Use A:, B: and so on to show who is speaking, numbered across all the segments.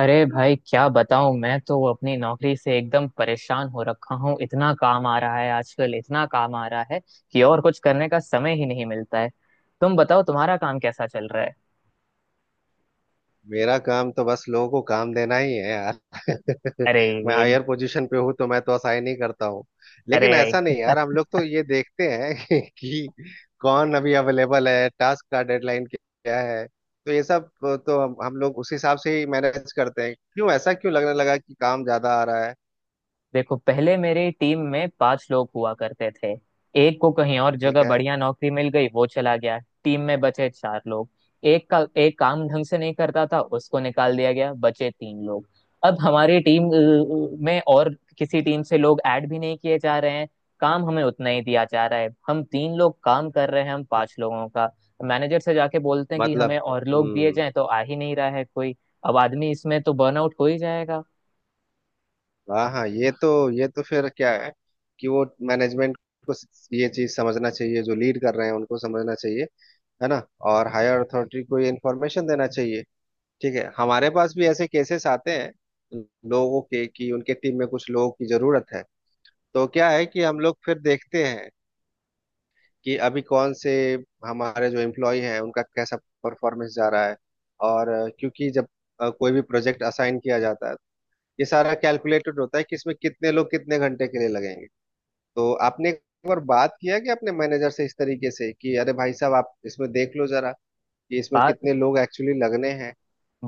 A: अरे भाई क्या बताऊं, मैं तो अपनी नौकरी से एकदम परेशान हो रखा हूँ। इतना काम आ रहा है आजकल, इतना काम आ रहा है कि और कुछ करने का समय ही नहीं मिलता है। तुम बताओ, तुम्हारा काम कैसा चल रहा है?
B: मेरा काम तो बस लोगों को काम देना ही है यार
A: अरे।
B: मैं
A: एक।
B: हायर पोजीशन पे हूँ, तो मैं तो असाइन ही करता हूँ। लेकिन
A: अरे।
B: ऐसा नहीं यार, हम लोग तो ये देखते हैं कि कौन अभी अवेलेबल है, टास्क का डेडलाइन क्या है। तो ये सब, तो हम लोग उस हिसाब से ही मैनेज करते हैं। क्यों, ऐसा क्यों लगने लगा कि काम ज्यादा आ रहा है?
A: देखो, पहले मेरी टीम में पांच लोग हुआ करते थे। एक को कहीं और
B: ठीक
A: जगह
B: है।
A: बढ़िया नौकरी मिल गई, वो चला गया। टीम में बचे चार लोग। एक का एक काम ढंग से नहीं करता था, उसको निकाल दिया गया, बचे तीन लोग। अब हमारी टीम में और किसी टीम से लोग ऐड भी नहीं किए जा रहे हैं। काम हमें उतना ही दिया जा रहा है, हम तीन लोग काम कर रहे हैं हम पांच लोगों का। मैनेजर से जाके बोलते हैं कि
B: मतलब।
A: हमें और लोग दिए
B: हम्म।
A: जाएं, तो आ ही नहीं रहा है कोई। अब आदमी इसमें तो बर्नआउट हो ही जाएगा।
B: हाँ हाँ, ये तो फिर क्या है कि वो मैनेजमेंट को ये चीज समझना चाहिए। जो लीड कर रहे हैं उनको समझना चाहिए, है ना। और हायर अथॉरिटी को ये इन्फॉर्मेशन देना चाहिए। ठीक है, हमारे पास भी ऐसे केसेस आते हैं लोगों के, कि उनके टीम में कुछ लोगों की जरूरत है। तो क्या है कि हम लोग फिर देखते हैं कि अभी कौन से हमारे जो एम्प्लॉय हैं उनका कैसा परफॉर्मेंस जा रहा है। और क्योंकि जब कोई भी प्रोजेक्ट असाइन किया जाता है, ये सारा कैलकुलेटेड होता है कि इसमें कितने लोग कितने घंटे के लिए लगेंगे। तो आपने एक बार बात किया कि अपने मैनेजर से इस तरीके से कि अरे भाई साहब, आप इसमें देख लो जरा कि इसमें
A: बात
B: कितने लोग एक्चुअली लगने हैं।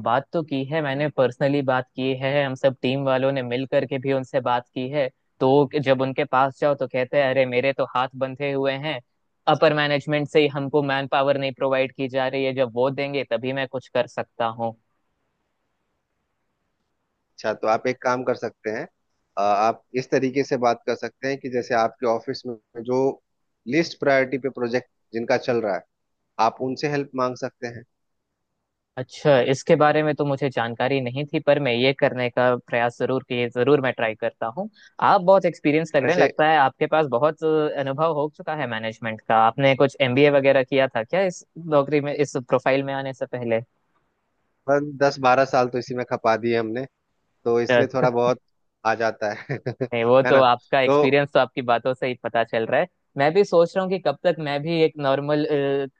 A: बात तो की है, मैंने पर्सनली बात की है, हम सब टीम वालों ने मिल करके भी उनसे बात की है। तो जब उनके पास जाओ तो कहते हैं अरे मेरे तो हाथ बंधे हुए हैं। अपर मैनेजमेंट से ही हमको मैन पावर नहीं प्रोवाइड की जा रही है, जब वो देंगे तभी मैं कुछ कर सकता हूँ।
B: अच्छा, तो आप एक काम कर सकते हैं। आप इस तरीके से बात कर सकते हैं कि जैसे आपके ऑफिस में जो लिस्ट प्रायोरिटी पे प्रोजेक्ट जिनका चल रहा है, आप उनसे हेल्प मांग सकते हैं।
A: अच्छा, इसके बारे में तो मुझे जानकारी नहीं थी, पर मैं ये करने का प्रयास जरूर किए, जरूर मैं ट्राई करता हूँ। आप बहुत एक्सपीरियंस लग रहे हैं,
B: ऐसे
A: लगता है आपके पास बहुत अनुभव हो चुका है मैनेजमेंट का। आपने कुछ एमबीए वगैरह किया था क्या इस नौकरी में, इस प्रोफाइल में आने से पहले?
B: बस 10-12 साल तो इसी में खपा दिए हमने, तो इसलिए
A: अच्छा।
B: थोड़ा बहुत आ जाता है
A: नहीं, वो
B: है
A: तो
B: ना।
A: आपका
B: तो
A: एक्सपीरियंस तो आपकी बातों से ही पता चल रहा है। मैं भी सोच रहा हूँ कि कब तक मैं भी एक नॉर्मल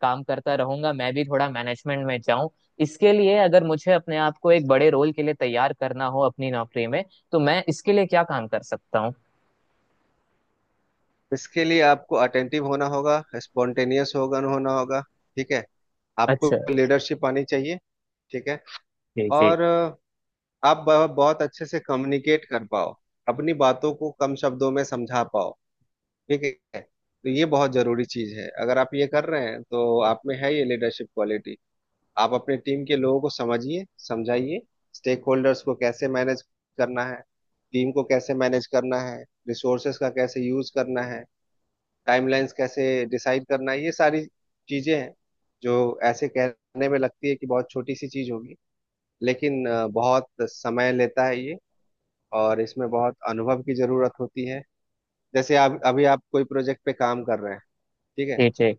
A: काम करता रहूंगा, मैं भी थोड़ा मैनेजमेंट में जाऊं। इसके लिए अगर मुझे अपने आप को एक बड़े रोल के लिए तैयार करना हो अपनी नौकरी में, तो मैं इसके लिए क्या काम कर सकता हूँ?
B: इसके लिए आपको अटेंटिव होना होगा, स्पॉन्टेनियस होगा, होना होगा। ठीक है। आपको
A: अच्छा।
B: लीडरशिप आनी चाहिए। ठीक है।
A: जी जी।
B: और आप बहुत अच्छे से कम्युनिकेट कर पाओ, अपनी बातों को कम शब्दों में समझा पाओ। ठीक है, तो ये बहुत जरूरी चीज है। अगर आप ये कर रहे हैं तो आप में है ये लीडरशिप क्वालिटी। आप अपने टीम के लोगों को समझिए, समझाइए। स्टेक होल्डर्स को कैसे मैनेज करना है, टीम को कैसे मैनेज करना है, रिसोर्सेस का कैसे यूज करना है, टाइमलाइंस कैसे डिसाइड करना है, ये सारी चीजें हैं जो ऐसे कहने में लगती है कि बहुत छोटी सी चीज होगी, लेकिन बहुत समय लेता है ये, और इसमें बहुत अनुभव की जरूरत होती है। जैसे आप अभी, आप कोई प्रोजेक्ट पे काम कर रहे हैं। ठीक है।
A: जी जी।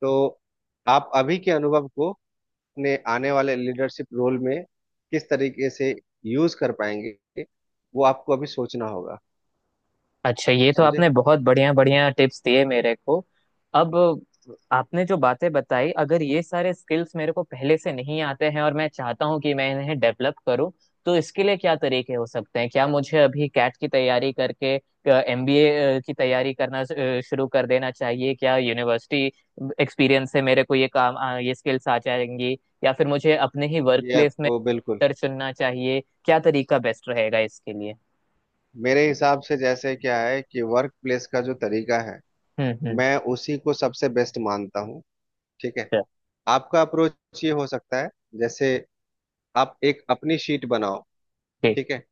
B: तो आप अभी के अनुभव को अपने आने वाले लीडरशिप रोल में किस तरीके से यूज कर पाएंगे, वो आपको अभी सोचना होगा।
A: अच्छा, ये तो
B: समझे।
A: आपने बहुत बढ़िया बढ़िया टिप्स दिए मेरे को। अब आपने जो बातें बताई, अगर ये सारे स्किल्स मेरे को पहले से नहीं आते हैं और मैं चाहता हूँ कि मैं इन्हें डेवलप करूँ, तो इसके लिए क्या तरीके हो सकते हैं? क्या मुझे अभी कैट की तैयारी करके एमबीए की तैयारी करना शुरू कर देना चाहिए? क्या यूनिवर्सिटी एक्सपीरियंस से मेरे को ये काम, ये स्किल्स आ जाएंगी? या फिर मुझे अपने ही वर्क
B: ये
A: प्लेस में
B: आपको बिल्कुल,
A: mentor चुनना चाहिए? क्या तरीका बेस्ट रहेगा इसके लिए?
B: मेरे हिसाब से जैसे क्या है कि वर्क प्लेस का जो तरीका है,
A: हम्म।
B: मैं उसी को सबसे बेस्ट मानता हूँ। ठीक है।
A: अच्छा,
B: आपका अप्रोच ये हो सकता है, जैसे आप एक अपनी शीट बनाओ।
A: ठीक।
B: ठीक है।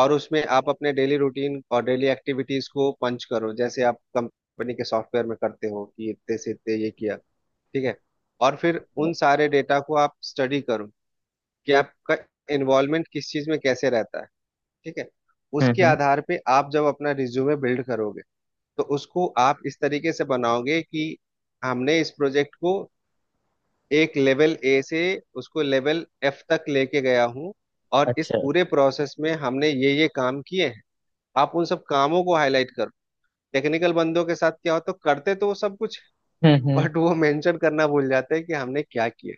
B: और उसमें आप अपने डेली रूटीन और डेली एक्टिविटीज को पंच करो, जैसे आप कंपनी के सॉफ्टवेयर में करते हो कि इतने से इतने ये किया। ठीक है। और फिर उन सारे डेटा को आप स्टडी करो कि आपका इन्वॉल्वमेंट किस चीज में कैसे रहता है। ठीक है। उसके
A: हम्म हम्म,
B: आधार पे आप जब अपना रिज्यूमे बिल्ड करोगे, तो उसको आप इस तरीके से बनाओगे कि हमने इस प्रोजेक्ट को एक लेवल ए से उसको लेवल एफ तक लेके गया हूँ, और इस
A: अच्छा।
B: पूरे प्रोसेस में हमने ये काम किए हैं। आप उन सब कामों को हाईलाइट करो। टेक्निकल बंदों के साथ क्या होता, तो करते तो वो सब कुछ,
A: हम्म।
B: बट वो मेंशन करना भूल जाते हैं कि हमने क्या किया।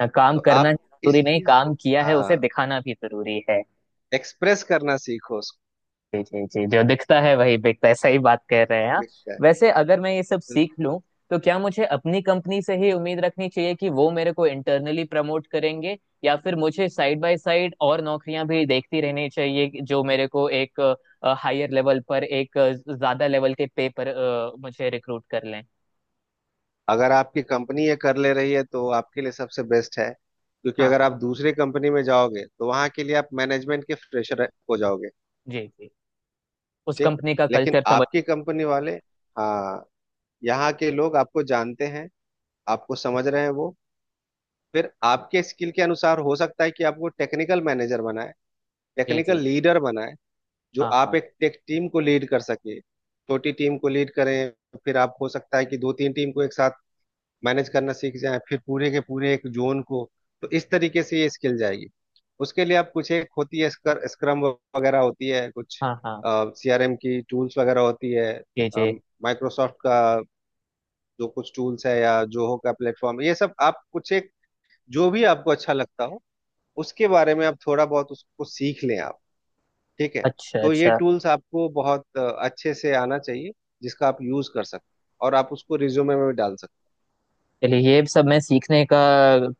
A: हाँ, काम
B: तो
A: करना
B: आप
A: जरूरी
B: इस
A: नहीं,
B: चीज
A: काम
B: को,
A: किया है
B: हाँ,
A: उसे दिखाना भी जरूरी है।
B: एक्सप्रेस करना सीखो उसको
A: जी जी जी, जो दिखता है वही बिकता है, सही बात कह रहे हैं आप।
B: भी। क्या
A: वैसे अगर मैं ये सब
B: है।
A: सीख लूं, तो क्या मुझे अपनी कंपनी से ही उम्मीद रखनी चाहिए कि वो मेरे को इंटरनली प्रमोट करेंगे? या फिर मुझे साइड बाय साइड और नौकरियां भी देखती रहनी चाहिए कि जो मेरे को एक हायर लेवल पर, एक ज्यादा लेवल के पे पर मुझे रिक्रूट कर लें?
B: अगर आपकी कंपनी ये कर ले रही है तो आपके लिए सबसे बेस्ट है, क्योंकि
A: हाँ
B: अगर आप
A: हाँ।
B: दूसरे कंपनी में जाओगे तो वहां के लिए आप मैनेजमेंट के फ्रेशर हो जाओगे।
A: जी जी। उस
B: ठीक।
A: कंपनी का
B: लेकिन
A: कल्चर समझ।
B: आपकी कंपनी वाले, हाँ, यहाँ के लोग आपको जानते हैं, आपको समझ रहे हैं वो। फिर आपके स्किल के अनुसार हो सकता है कि आपको टेक्निकल मैनेजर बनाए,
A: जी
B: टेक्निकल
A: जी।
B: लीडर बनाए, जो
A: हाँ
B: आप
A: हाँ।
B: एक टेक टीम को लीड कर सके, छोटी टीम को लीड करें। फिर आप, हो सकता है कि दो तीन टीम को एक साथ मैनेज करना सीख जाए, फिर पूरे के पूरे एक जोन को। तो इस तरीके से ये स्किल जाएगी। उसके लिए आप, कुछ एक होती है स्क्रम वगैरह होती है कुछ,
A: हाँ हाँ।
B: सीआरएम की टूल्स वगैरह होती है।
A: जी जी।
B: माइक्रोसॉफ्ट का जो कुछ टूल्स है, या जोहो का प्लेटफॉर्म, ये सब आप कुछ एक जो भी आपको अच्छा लगता हो, उसके बारे में आप थोड़ा बहुत उसको सीख लें आप। ठीक है।
A: अच्छा
B: तो ये
A: अच्छा।
B: टूल्स आपको बहुत अच्छे से आना चाहिए, जिसका आप यूज कर सकते हैं और आप उसको रिज्यूमे में भी डाल सकते।
A: चलिए, ये सब मैं सीखने का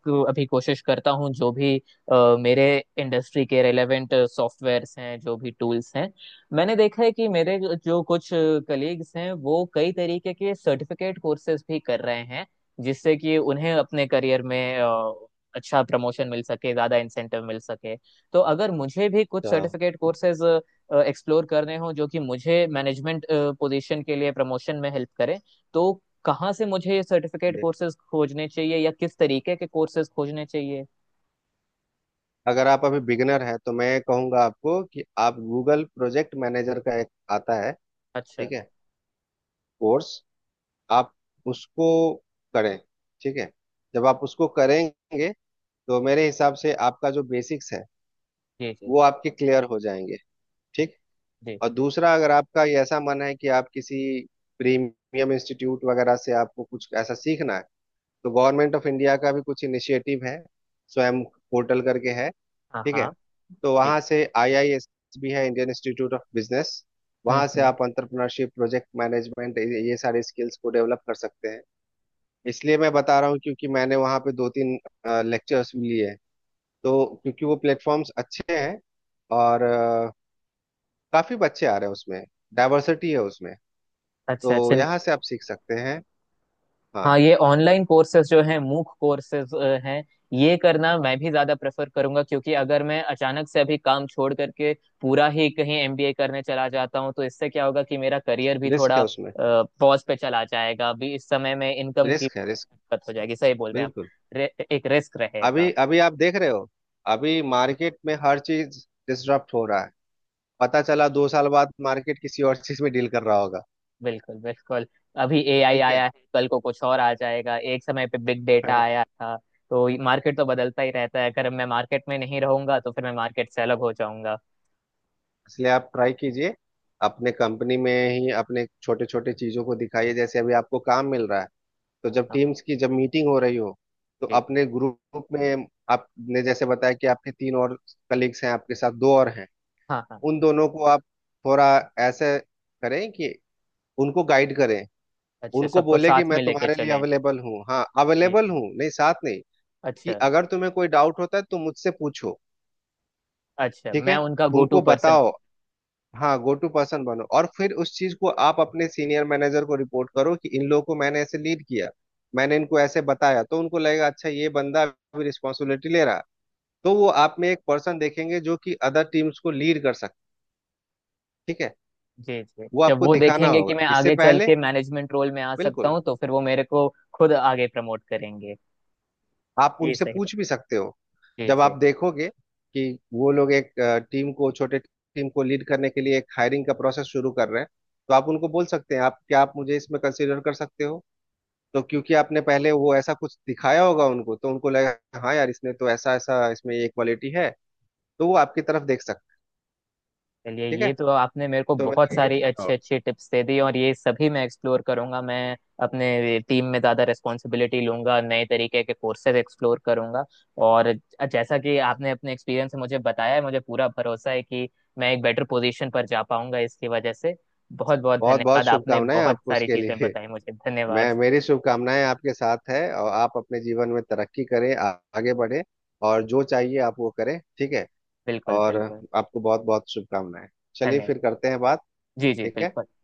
A: अभी कोशिश करता हूँ, जो भी मेरे इंडस्ट्री के रेलेवेंट सॉफ्टवेयर्स हैं, जो भी टूल्स हैं। मैंने देखा है कि मेरे जो कुछ कलीग्स हैं वो कई तरीके के सर्टिफिकेट कोर्सेज भी कर रहे हैं, जिससे कि उन्हें अपने करियर में अच्छा प्रमोशन मिल सके, ज़्यादा इंसेंटिव मिल सके। तो अगर मुझे भी कुछ
B: अच्छा,
A: सर्टिफिकेट कोर्सेज एक्सप्लोर करने हो जो कि मुझे मैनेजमेंट पोजीशन के लिए प्रमोशन में हेल्प करें, तो कहाँ से मुझे ये सर्टिफिकेट कोर्सेज खोजने चाहिए, या किस तरीके के कोर्सेज खोजने चाहिए?
B: अगर आप अभी बिगनर हैं तो मैं कहूंगा आपको कि आप गूगल प्रोजेक्ट मैनेजर का एक आता है।
A: अच्छा।
B: ठीक है। कोर्स, आप उसको करें। ठीक है। जब आप उसको करेंगे तो मेरे हिसाब से आपका जो बेसिक्स है
A: जी जी।
B: वो आपके क्लियर हो जाएंगे। ठीक।
A: जी।
B: और दूसरा, अगर आपका ये ऐसा मन है कि आप किसी प्रीमियम इंस्टीट्यूट वगैरह से आपको कुछ ऐसा सीखना है, तो गवर्नमेंट ऑफ इंडिया का भी कुछ इनिशिएटिव है, स्वयं पोर्टल करके है।
A: हाँ
B: ठीक है।
A: हाँ।
B: तो
A: जी।
B: वहां से आईआईएस भी है, इंडियन इंस्टीट्यूट ऑफ बिजनेस, वहां से
A: हम्म।
B: आप अंतरप्रनरशिप, प्रोजेक्ट मैनेजमेंट, ये सारे स्किल्स को डेवलप कर सकते हैं। इसलिए मैं बता रहा हूँ क्योंकि मैंने वहां पे दो तीन लेक्चर्स भी लिए हैं, तो क्योंकि वो प्लेटफॉर्म्स अच्छे हैं, और काफी बच्चे आ रहे हैं उसमें, डाइवर्सिटी है उसमें,
A: अच्छा
B: तो
A: अच्छा।
B: यहाँ से आप सीख सकते हैं। हाँ,
A: हाँ, ये ऑनलाइन कोर्सेज जो हैं, मूक कोर्सेज हैं, ये करना मैं भी ज्यादा प्रेफर करूंगा। क्योंकि अगर मैं अचानक से अभी काम छोड़ करके पूरा ही कहीं एमबीए करने चला जाता हूँ, तो इससे क्या होगा कि मेरा करियर भी
B: रिस्क है
A: थोड़ा
B: उसमें।
A: पॉज पे चला जाएगा, अभी इस समय में इनकम की
B: रिस्क है, रिस्क,
A: दिक्कत हो जाएगी। सही बोल रहे हैं
B: बिल्कुल।
A: आप। एक रिस्क रहेगा।
B: अभी अभी आप देख रहे हो, अभी मार्केट में हर चीज डिसरप्ट हो रहा है, पता चला 2 साल बाद मार्केट किसी और चीज में डील कर रहा होगा।
A: बिल्कुल बिल्कुल। अभी एआई
B: ठीक
A: आया
B: है
A: है, कल को कुछ और आ जाएगा। एक समय पे बिग डेटा आया था। तो मार्केट तो बदलता ही रहता है, अगर मैं मार्केट में नहीं रहूंगा तो फिर मैं मार्केट से अलग हो जाऊंगा।
B: इसलिए आप ट्राई कीजिए, अपने कंपनी में ही अपने छोटे छोटे चीजों को दिखाइए। जैसे अभी आपको काम मिल रहा है, तो
A: हाँ
B: जब
A: हाँ।
B: टीम्स की जब मीटिंग हो रही हो, तो
A: ठीक।
B: अपने ग्रुप में, आपने जैसे बताया कि आपके तीन और कलीग्स हैं, आपके साथ दो और हैं,
A: हाँ हाँ।
B: उन दोनों को आप थोड़ा ऐसे करें कि उनको गाइड करें।
A: अच्छा,
B: उनको
A: सबको
B: बोले कि
A: साथ
B: मैं
A: में लेके
B: तुम्हारे लिए
A: चलें।
B: अवेलेबल हूँ, हाँ
A: जी
B: अवेलेबल
A: जी।
B: हूँ, नहीं साथ नहीं, कि
A: अच्छा।
B: अगर तुम्हें कोई डाउट होता है तो मुझसे पूछो।
A: अच्छा,
B: ठीक
A: मैं
B: है,
A: उनका गो टू
B: उनको
A: पर्सन।
B: बताओ। हाँ, गो टू पर्सन बनो, और फिर उस चीज को आप अपने सीनियर मैनेजर को रिपोर्ट करो कि इन लोगों को मैंने ऐसे लीड किया, मैंने इनको ऐसे बताया, तो उनको लगेगा अच्छा ये बंदा भी रिस्पॉन्सिबिलिटी ले रहा। तो वो आप में एक पर्सन देखेंगे जो कि अदर टीम्स को लीड कर सकता। ठीक है।
A: जी जी।
B: वो
A: जब
B: आपको
A: वो
B: दिखाना
A: देखेंगे कि
B: होगा
A: मैं
B: इससे
A: आगे चल
B: पहले,
A: के मैनेजमेंट रोल में आ सकता
B: बिल्कुल।
A: हूँ, तो फिर वो मेरे को खुद आगे प्रमोट करेंगे।
B: आप
A: ये
B: उनसे
A: सही बात।
B: पूछ भी सकते हो।
A: जी
B: जब
A: जी।
B: आप देखोगे कि वो लोग एक टीम को, छोटे टीम को लीड करने के लिए एक हायरिंग का प्रोसेस शुरू कर रहे हैं, तो आप उनको बोल सकते हैं, आप क्या, आप मुझे इसमें कंसीडर कर सकते हो? तो क्योंकि आपने पहले वो ऐसा कुछ दिखाया होगा उनको, तो उनको लगा, हाँ यार, इसने तो ऐसा ऐसा, इसमें ये क्वालिटी है, तो वो आपकी तरफ देख सकते
A: चलिए,
B: हैं, ठीक है।
A: ये तो आपने मेरे को
B: तो
A: बहुत
B: मेरा यही
A: सारी
B: सुझाव है।
A: अच्छी अच्छी टिप्स दे दी, और ये सभी मैं एक्सप्लोर करूंगा। मैं अपने टीम में ज़्यादा रिस्पॉन्सिबिलिटी लूंगा, नए तरीके के कोर्सेज एक्सप्लोर करूंगा, और जैसा कि आपने अपने एक्सपीरियंस से मुझे बताया है, मुझे पूरा भरोसा है कि मैं एक बेटर पोजीशन पर जा पाऊंगा इसकी वजह से। बहुत बहुत
B: बहुत बहुत
A: धन्यवाद, आपने
B: शुभकामनाएं
A: बहुत
B: आपको
A: सारी
B: उसके
A: चीज़ें
B: लिए।
A: बताई मुझे, धन्यवाद।
B: मैं, मेरी शुभकामनाएं आपके साथ है, और आप अपने जीवन में तरक्की करें, आगे बढ़े, और जो चाहिए आप वो करें। ठीक है।
A: बिल्कुल
B: और
A: बिल्कुल।
B: आपको बहुत बहुत शुभकामनाएं। चलिए, फिर
A: धन्यवाद।
B: करते हैं बात।
A: जी जी,
B: ठीक है।
A: बिल्कुल।